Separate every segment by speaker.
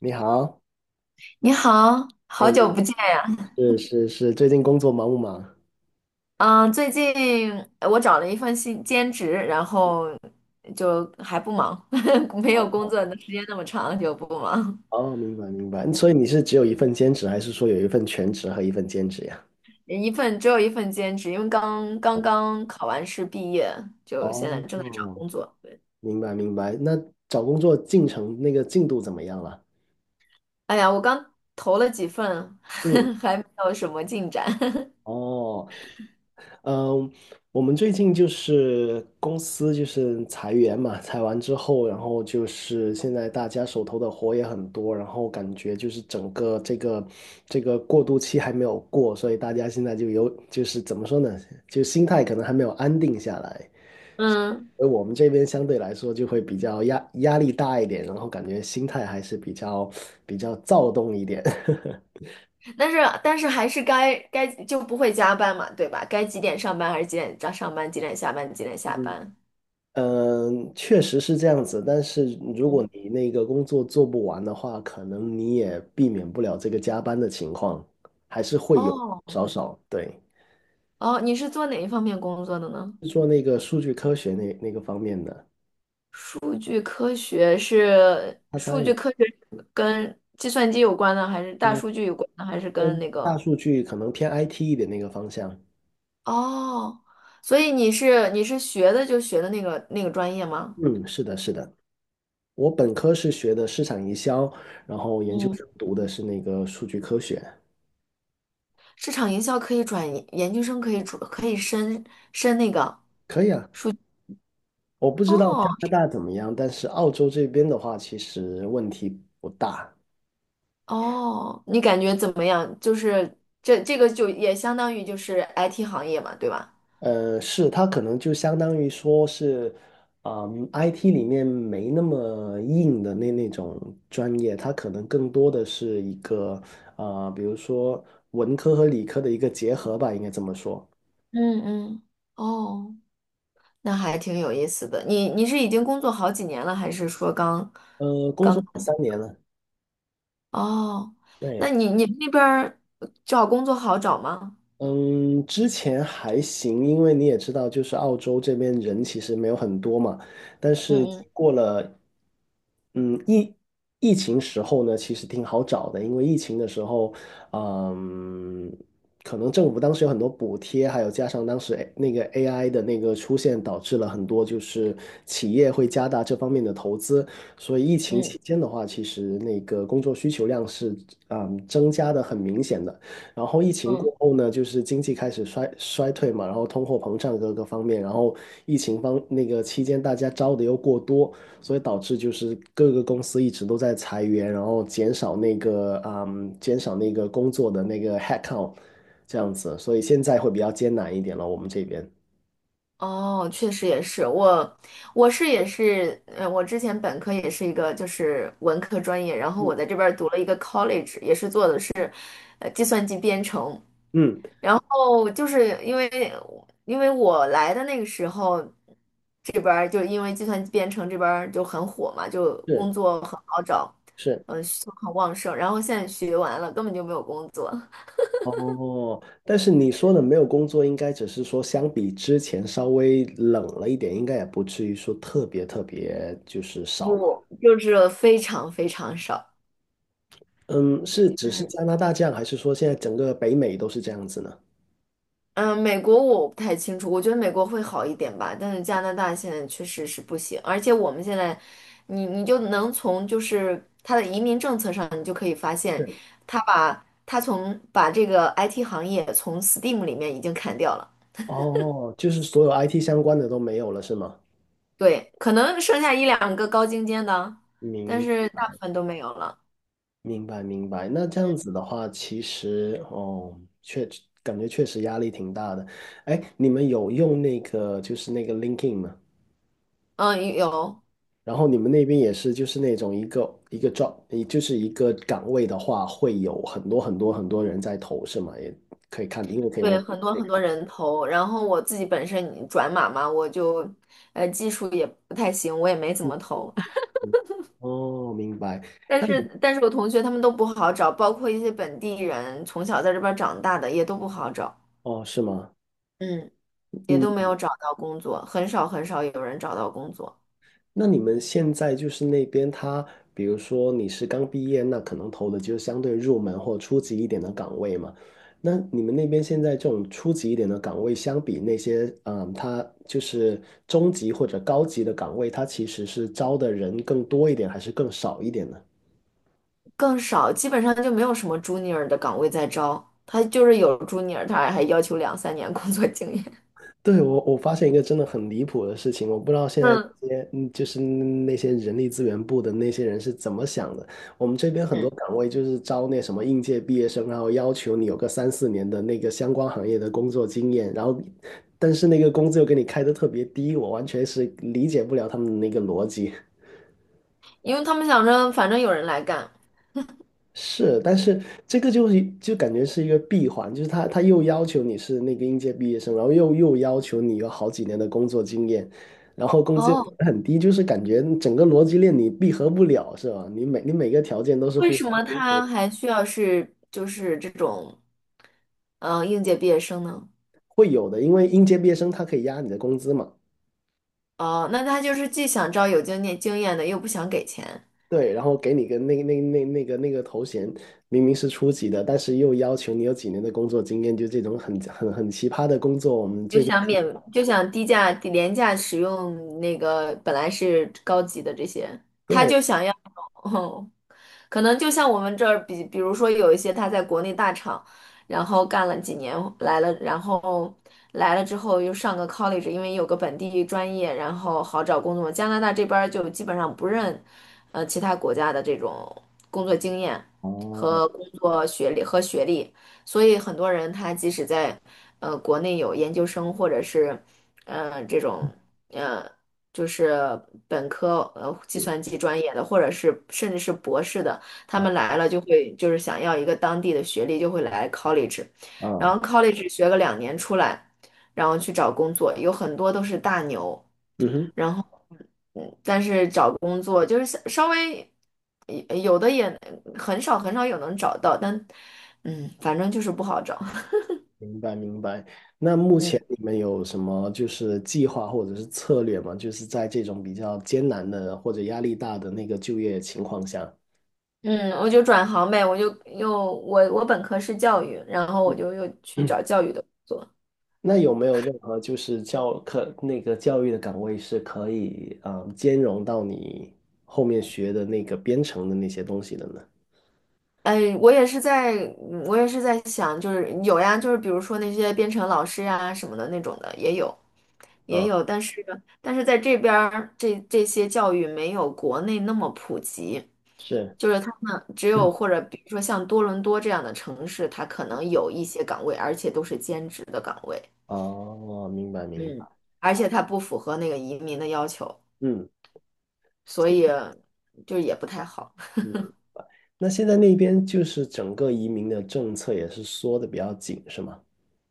Speaker 1: 你好，
Speaker 2: 你好，
Speaker 1: 哎，
Speaker 2: 好久不见。
Speaker 1: 是是是，最近工作忙不忙？
Speaker 2: 嗯，最近我找了一份新兼职，然后就还不忙，没有工作的时间那么长，就不忙。
Speaker 1: 哦，明白明白。所以你是只有一份兼职，还是说有一份全职和一份兼职呀？
Speaker 2: 只有一份兼职，因为刚考完试毕业，就现在
Speaker 1: 哦，
Speaker 2: 正在找工作。
Speaker 1: 明白明白。那找工作进程那个进度怎么样了？
Speaker 2: 哎呀，我刚投了几份，
Speaker 1: 嗯，
Speaker 2: 还没有什么进展。
Speaker 1: 哦嗯，我们最近就是公司就是裁员嘛，裁完之后，然后就是现在大家手头的活也很多，然后感觉就是整个这个过渡期还没有过，所以大家现在就是怎么说呢，就心态可能还没有安定下来，
Speaker 2: 嗯，
Speaker 1: 而我们这边相对来说就会比较压力大一点，然后感觉心态还是比较躁动一点。
Speaker 2: 但是但是还是该就不会加班嘛，对吧？该几点上班，还是几点上班，几点下班？
Speaker 1: 嗯，确实是这样子，但是如果
Speaker 2: 嗯。
Speaker 1: 你那个工作做不完的话，可能你也避免不了这个加班的情况，还是会有
Speaker 2: 哦，
Speaker 1: 少。对，
Speaker 2: 哦，你是做哪一方面工作的呢？
Speaker 1: 做那个数据科学那个方面的，
Speaker 2: 数据科学是
Speaker 1: 它
Speaker 2: 数
Speaker 1: 三
Speaker 2: 据
Speaker 1: 也，
Speaker 2: 科学是跟计算机有关的，还是大
Speaker 1: 嗯，
Speaker 2: 数据有关的，还是跟
Speaker 1: 跟
Speaker 2: 那
Speaker 1: 大
Speaker 2: 个？
Speaker 1: 数据可能偏 IT 一点那个方向。
Speaker 2: 哦，所以你是学的那个专业吗？
Speaker 1: 嗯，是的，是的，我本科是学的市场营销，然后研究
Speaker 2: 嗯，
Speaker 1: 生读的是那个数据科学。
Speaker 2: 市场营销可以转研究生，可以升那个。
Speaker 1: 可以啊，我不知道
Speaker 2: 哦
Speaker 1: 加拿大怎么样，但是澳洲这边的话，其实问题不大。
Speaker 2: 哦，你感觉怎么样？就是这个就也相当于就是 IT 行业嘛，对吧？
Speaker 1: 是，它可能就相当于说是，嗯，IT 里面没那么硬的那种专业，它可能更多的是一个，比如说文科和理科的一个结合吧，应该这么说。
Speaker 2: 嗯嗯，哦。那还挺有意思的。你是已经工作好几年了，还是说刚
Speaker 1: 工作
Speaker 2: 刚？
Speaker 1: 了3年了，
Speaker 2: 哦，那
Speaker 1: 对，
Speaker 2: 你们那边儿找工作好找吗？
Speaker 1: 嗯，之前还行，因为你也知道，就是澳洲这边人其实没有很多嘛。但
Speaker 2: 嗯
Speaker 1: 是
Speaker 2: 嗯
Speaker 1: 过了，嗯，疫情时候呢，其实挺好找的，因为疫情的时候，嗯，可能政府当时有很多补贴，还有加上当时 AI 的那个出现，导致了很多就是企业会加大这方面的投资。所以疫情
Speaker 2: 嗯
Speaker 1: 期间的话，其实那个工作需求量是增加的很明显的。然后疫情
Speaker 2: 嗯，
Speaker 1: 过后呢，就是经济开始衰退嘛，然后通货膨胀各个方面，然后疫情方那个期间大家招的又过多，所以导致就是各个公司一直都在裁员，然后减少那个工作的那个 headcount 这样子，所以现在会比较艰难一点了，我们这边。
Speaker 2: 哦，确实也是，我是也是，我之前本科也是一个就是文科专业，然后
Speaker 1: 嗯
Speaker 2: 我在这边儿读了一个 college，也是做的是，计算机编程。
Speaker 1: 嗯，
Speaker 2: 然后就是因为我来的那个时候，这边儿就是因为计算机编程这边儿就很火嘛，就
Speaker 1: 是
Speaker 2: 工作很好找，
Speaker 1: 是。
Speaker 2: 嗯，需求很旺盛。然后现在学完了，根本就没有工作，
Speaker 1: 哦，但是你说的没有工作，应该只是说相比之前稍微冷了一点，应该也不至于说特别特别就是少吧。
Speaker 2: 不，就是非常非常少。
Speaker 1: 嗯，是只是加拿大这样，还是说现在整个北美都是这样子呢？
Speaker 2: 嗯，美国我不太清楚，我觉得美国会好一点吧，但是加拿大现在确实是不行，而且我们现在，你就能从就是他的移民政策上，你就可以发现，
Speaker 1: 是，
Speaker 2: 他把他从把这个 IT 行业从 STEAM 里面已经砍掉了，
Speaker 1: 哦，就是所有 IT 相关的都没有了，是吗？
Speaker 2: 对，可能剩下一两个高精尖的，但
Speaker 1: 明
Speaker 2: 是大部分都没有了。
Speaker 1: 明白明白。那这样子的话，其实哦，确感觉确实压力挺大的。哎，你们有用那个 LinkedIn 吗？
Speaker 2: 嗯，有，
Speaker 1: 然后你们那边也是就是那种一个一个 job，也就是一个岗位的话，会有很多很多很多人在投，是吗？也可以看，因为可以
Speaker 2: 对，
Speaker 1: 我。
Speaker 2: 很多很多人投，然后我自己本身转码嘛，我就技术也不太行，我也没怎
Speaker 1: 嗯
Speaker 2: 么投。
Speaker 1: 嗯哦，明白。
Speaker 2: 但是我同学他们都不好找，包括一些本地人从小在这边儿长大的也都不好找，
Speaker 1: 哦，是吗？
Speaker 2: 嗯，也都没
Speaker 1: 嗯，
Speaker 2: 有找到工作，很少很少有人找到工作，
Speaker 1: 那你们现在就是那边他，比如说你是刚毕业，那可能投的就是相对入门或初级一点的岗位嘛。那你们那边现在这种初级一点的岗位，相比那些他就是中级或者高级的岗位，他其实是招的人更多一点，还是更少一点呢？
Speaker 2: 更少，基本上就没有什么 junior 的岗位在招，他就是有 junior，他还要求2、3年工作经验。
Speaker 1: 对，我发现一个真的很离谱的事情，我不知道 现在
Speaker 2: 嗯
Speaker 1: 这些就是那些人力资源部的那些人是怎么想的。我们这边很多
Speaker 2: 嗯，
Speaker 1: 岗位就是招那什么应届毕业生，然后要求你有个3、4年的那个相关行业的工作经验，然后但是那个工资又给你开的特别低，我完全是理解不了他们的那个逻辑。
Speaker 2: 因为他们想着反正有人来干。
Speaker 1: 是，但是这个就是感觉是一个闭环，就是他又要求你是那个应届毕业生，然后又要求你有好几年的工作经验，然后工资又
Speaker 2: 哦，
Speaker 1: 很低，就是感觉整个逻辑链你闭合不了，是吧？你每个条件都是
Speaker 2: 为
Speaker 1: 互
Speaker 2: 什
Speaker 1: 相
Speaker 2: 么他还需要是就是这种，嗯、应届毕业生呢？
Speaker 1: 会有的，因为应届毕业生他可以压你的工资嘛，
Speaker 2: 哦，那他就是既想招有经验的，又不想给钱。
Speaker 1: 对，然后给你个那个头衔，明明是初级的，但是又要求你有几年的工作经验，就这种很很很奇葩的工作，我们
Speaker 2: 就
Speaker 1: 最近
Speaker 2: 想免，就想低廉价使用那个本来是高级的这些，他
Speaker 1: 对，
Speaker 2: 就想要。哦，可能就像我们这儿比如说有一些他在国内大厂，然后干了几年来了，然后来了之后又上个 college，因为有个本地专业，然后好找工作。加拿大这边儿就基本上不认，其他国家的这种工作经验
Speaker 1: 哦，
Speaker 2: 和工作学历和学历，所以很多人他即使在国内有研究生，或者是这种呃。就是本科计算
Speaker 1: 是
Speaker 2: 机专业的，或者是甚至是博士的，他
Speaker 1: 啊
Speaker 2: 们来了就是想要一个当地的学历，就会来 college，然
Speaker 1: 啊，
Speaker 2: 后 college 学个2年出来，然后去找工作，有很多都是大牛，
Speaker 1: 嗯哼。
Speaker 2: 然后但是找工作就是稍微有的也很少很少有能找到，但反正就是不好找。
Speaker 1: 明白明白。那目前
Speaker 2: 嗯
Speaker 1: 你们有什么就是计划或者是策略吗？就是在这种比较艰难的或者压力大的那个就业情况下，
Speaker 2: 嗯，我就转行呗，我就又我我本科是教育，然后我就又 去
Speaker 1: 嗯
Speaker 2: 找教育的工作。
Speaker 1: 那有没有任何就是教课那个教育的岗位是可以兼容到你后面学的那个编程的那些东西的呢？
Speaker 2: 哎，我也是在想，就是有呀，就是比如说那些编程老师呀什么的那种的也有，也
Speaker 1: 啊，
Speaker 2: 有，但是在这边儿这些教育没有国内那么普及，
Speaker 1: 是
Speaker 2: 就是他们或者比如说像多伦多这样的城市，它可能有一些岗位，而且都是兼职的岗位，
Speaker 1: 哦，明白明
Speaker 2: 嗯，
Speaker 1: 白。
Speaker 2: 而且它不符合那个移民的要求，
Speaker 1: 嗯
Speaker 2: 所以就也不太好。
Speaker 1: 嗯，那现在那边就是整个移民的政策也是缩的比较紧，是吗？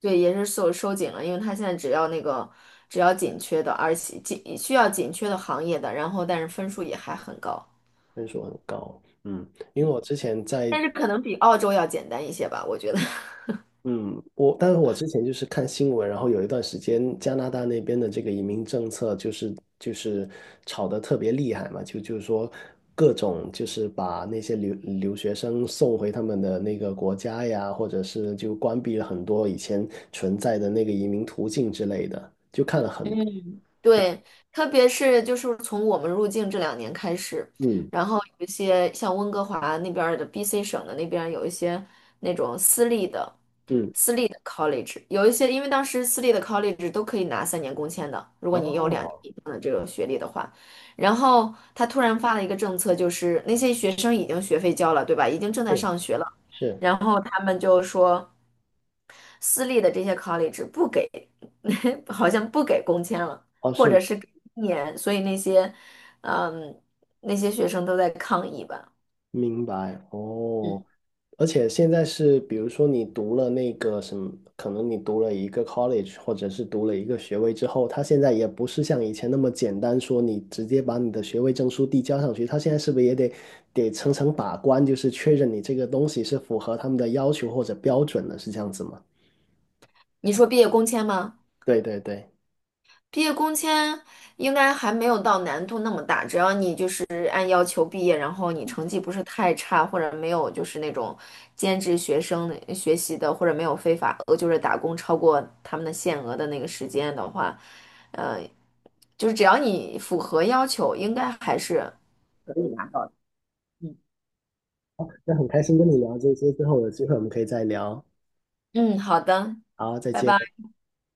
Speaker 2: 对，也是收紧了，因为它现在只要紧缺的，而且紧需要紧缺的行业的，然后但是分数也还很高，
Speaker 1: 分数很高，嗯，因为我之前在，
Speaker 2: 但是可能比澳洲要简单一些吧，我觉得。
Speaker 1: 嗯，我，但是我之前就是看新闻，然后有一段时间加拿大那边的这个移民政策就是吵得特别厉害嘛，就是说各种就是把那些留学生送回他们的那个国家呀，或者是就关闭了很多以前存在的那个移民途径之类的，就看了很，
Speaker 2: 嗯，对，特别是就是从我们入境这两年开始，
Speaker 1: 嗯
Speaker 2: 然后有一些像温哥华那边儿的 BC 省的那边儿有一些那种私立的
Speaker 1: 嗯，
Speaker 2: 私立的 college，有一些因为当时私立的 college 都可以拿3年工签的，如果你有两
Speaker 1: 哦，
Speaker 2: 年。然后他突然发了一个政策，就是那些学生已经学费交了，对吧？已经正在
Speaker 1: 是
Speaker 2: 上学了，
Speaker 1: 是，
Speaker 2: 然后他们就说私立的这些 college 不给。好像不给工签了，
Speaker 1: 哦
Speaker 2: 或
Speaker 1: 是。
Speaker 2: 者是给1年，所以嗯，那些学生都在抗议吧。
Speaker 1: 明白
Speaker 2: 嗯，
Speaker 1: 哦，而且现在是，比如说你读了那个什么，可能你读了一个 college，或者是读了一个学位之后，他现在也不是像以前那么简单，说你直接把你的学位证书递交上去，他现在是不是也得层层把关，就是确认你这个东西是符合他们的要求或者标准的，是这样子吗？
Speaker 2: 你说毕业工签吗？
Speaker 1: 对对对，
Speaker 2: 毕业工签应该还没有到难度那么大，只要你就是按要求毕业，然后你成绩不是太差，或者没有就是那种兼职学生的学习的，或者没有非法就是打工超过他们的限额的那个时间的话，呃，就是只要你符合要求，应该还是可以拿到的。
Speaker 1: 那很开心跟你聊这些之后，有机会我们可以再聊。
Speaker 2: 嗯，好的，
Speaker 1: 好，再
Speaker 2: 拜
Speaker 1: 见。
Speaker 2: 拜。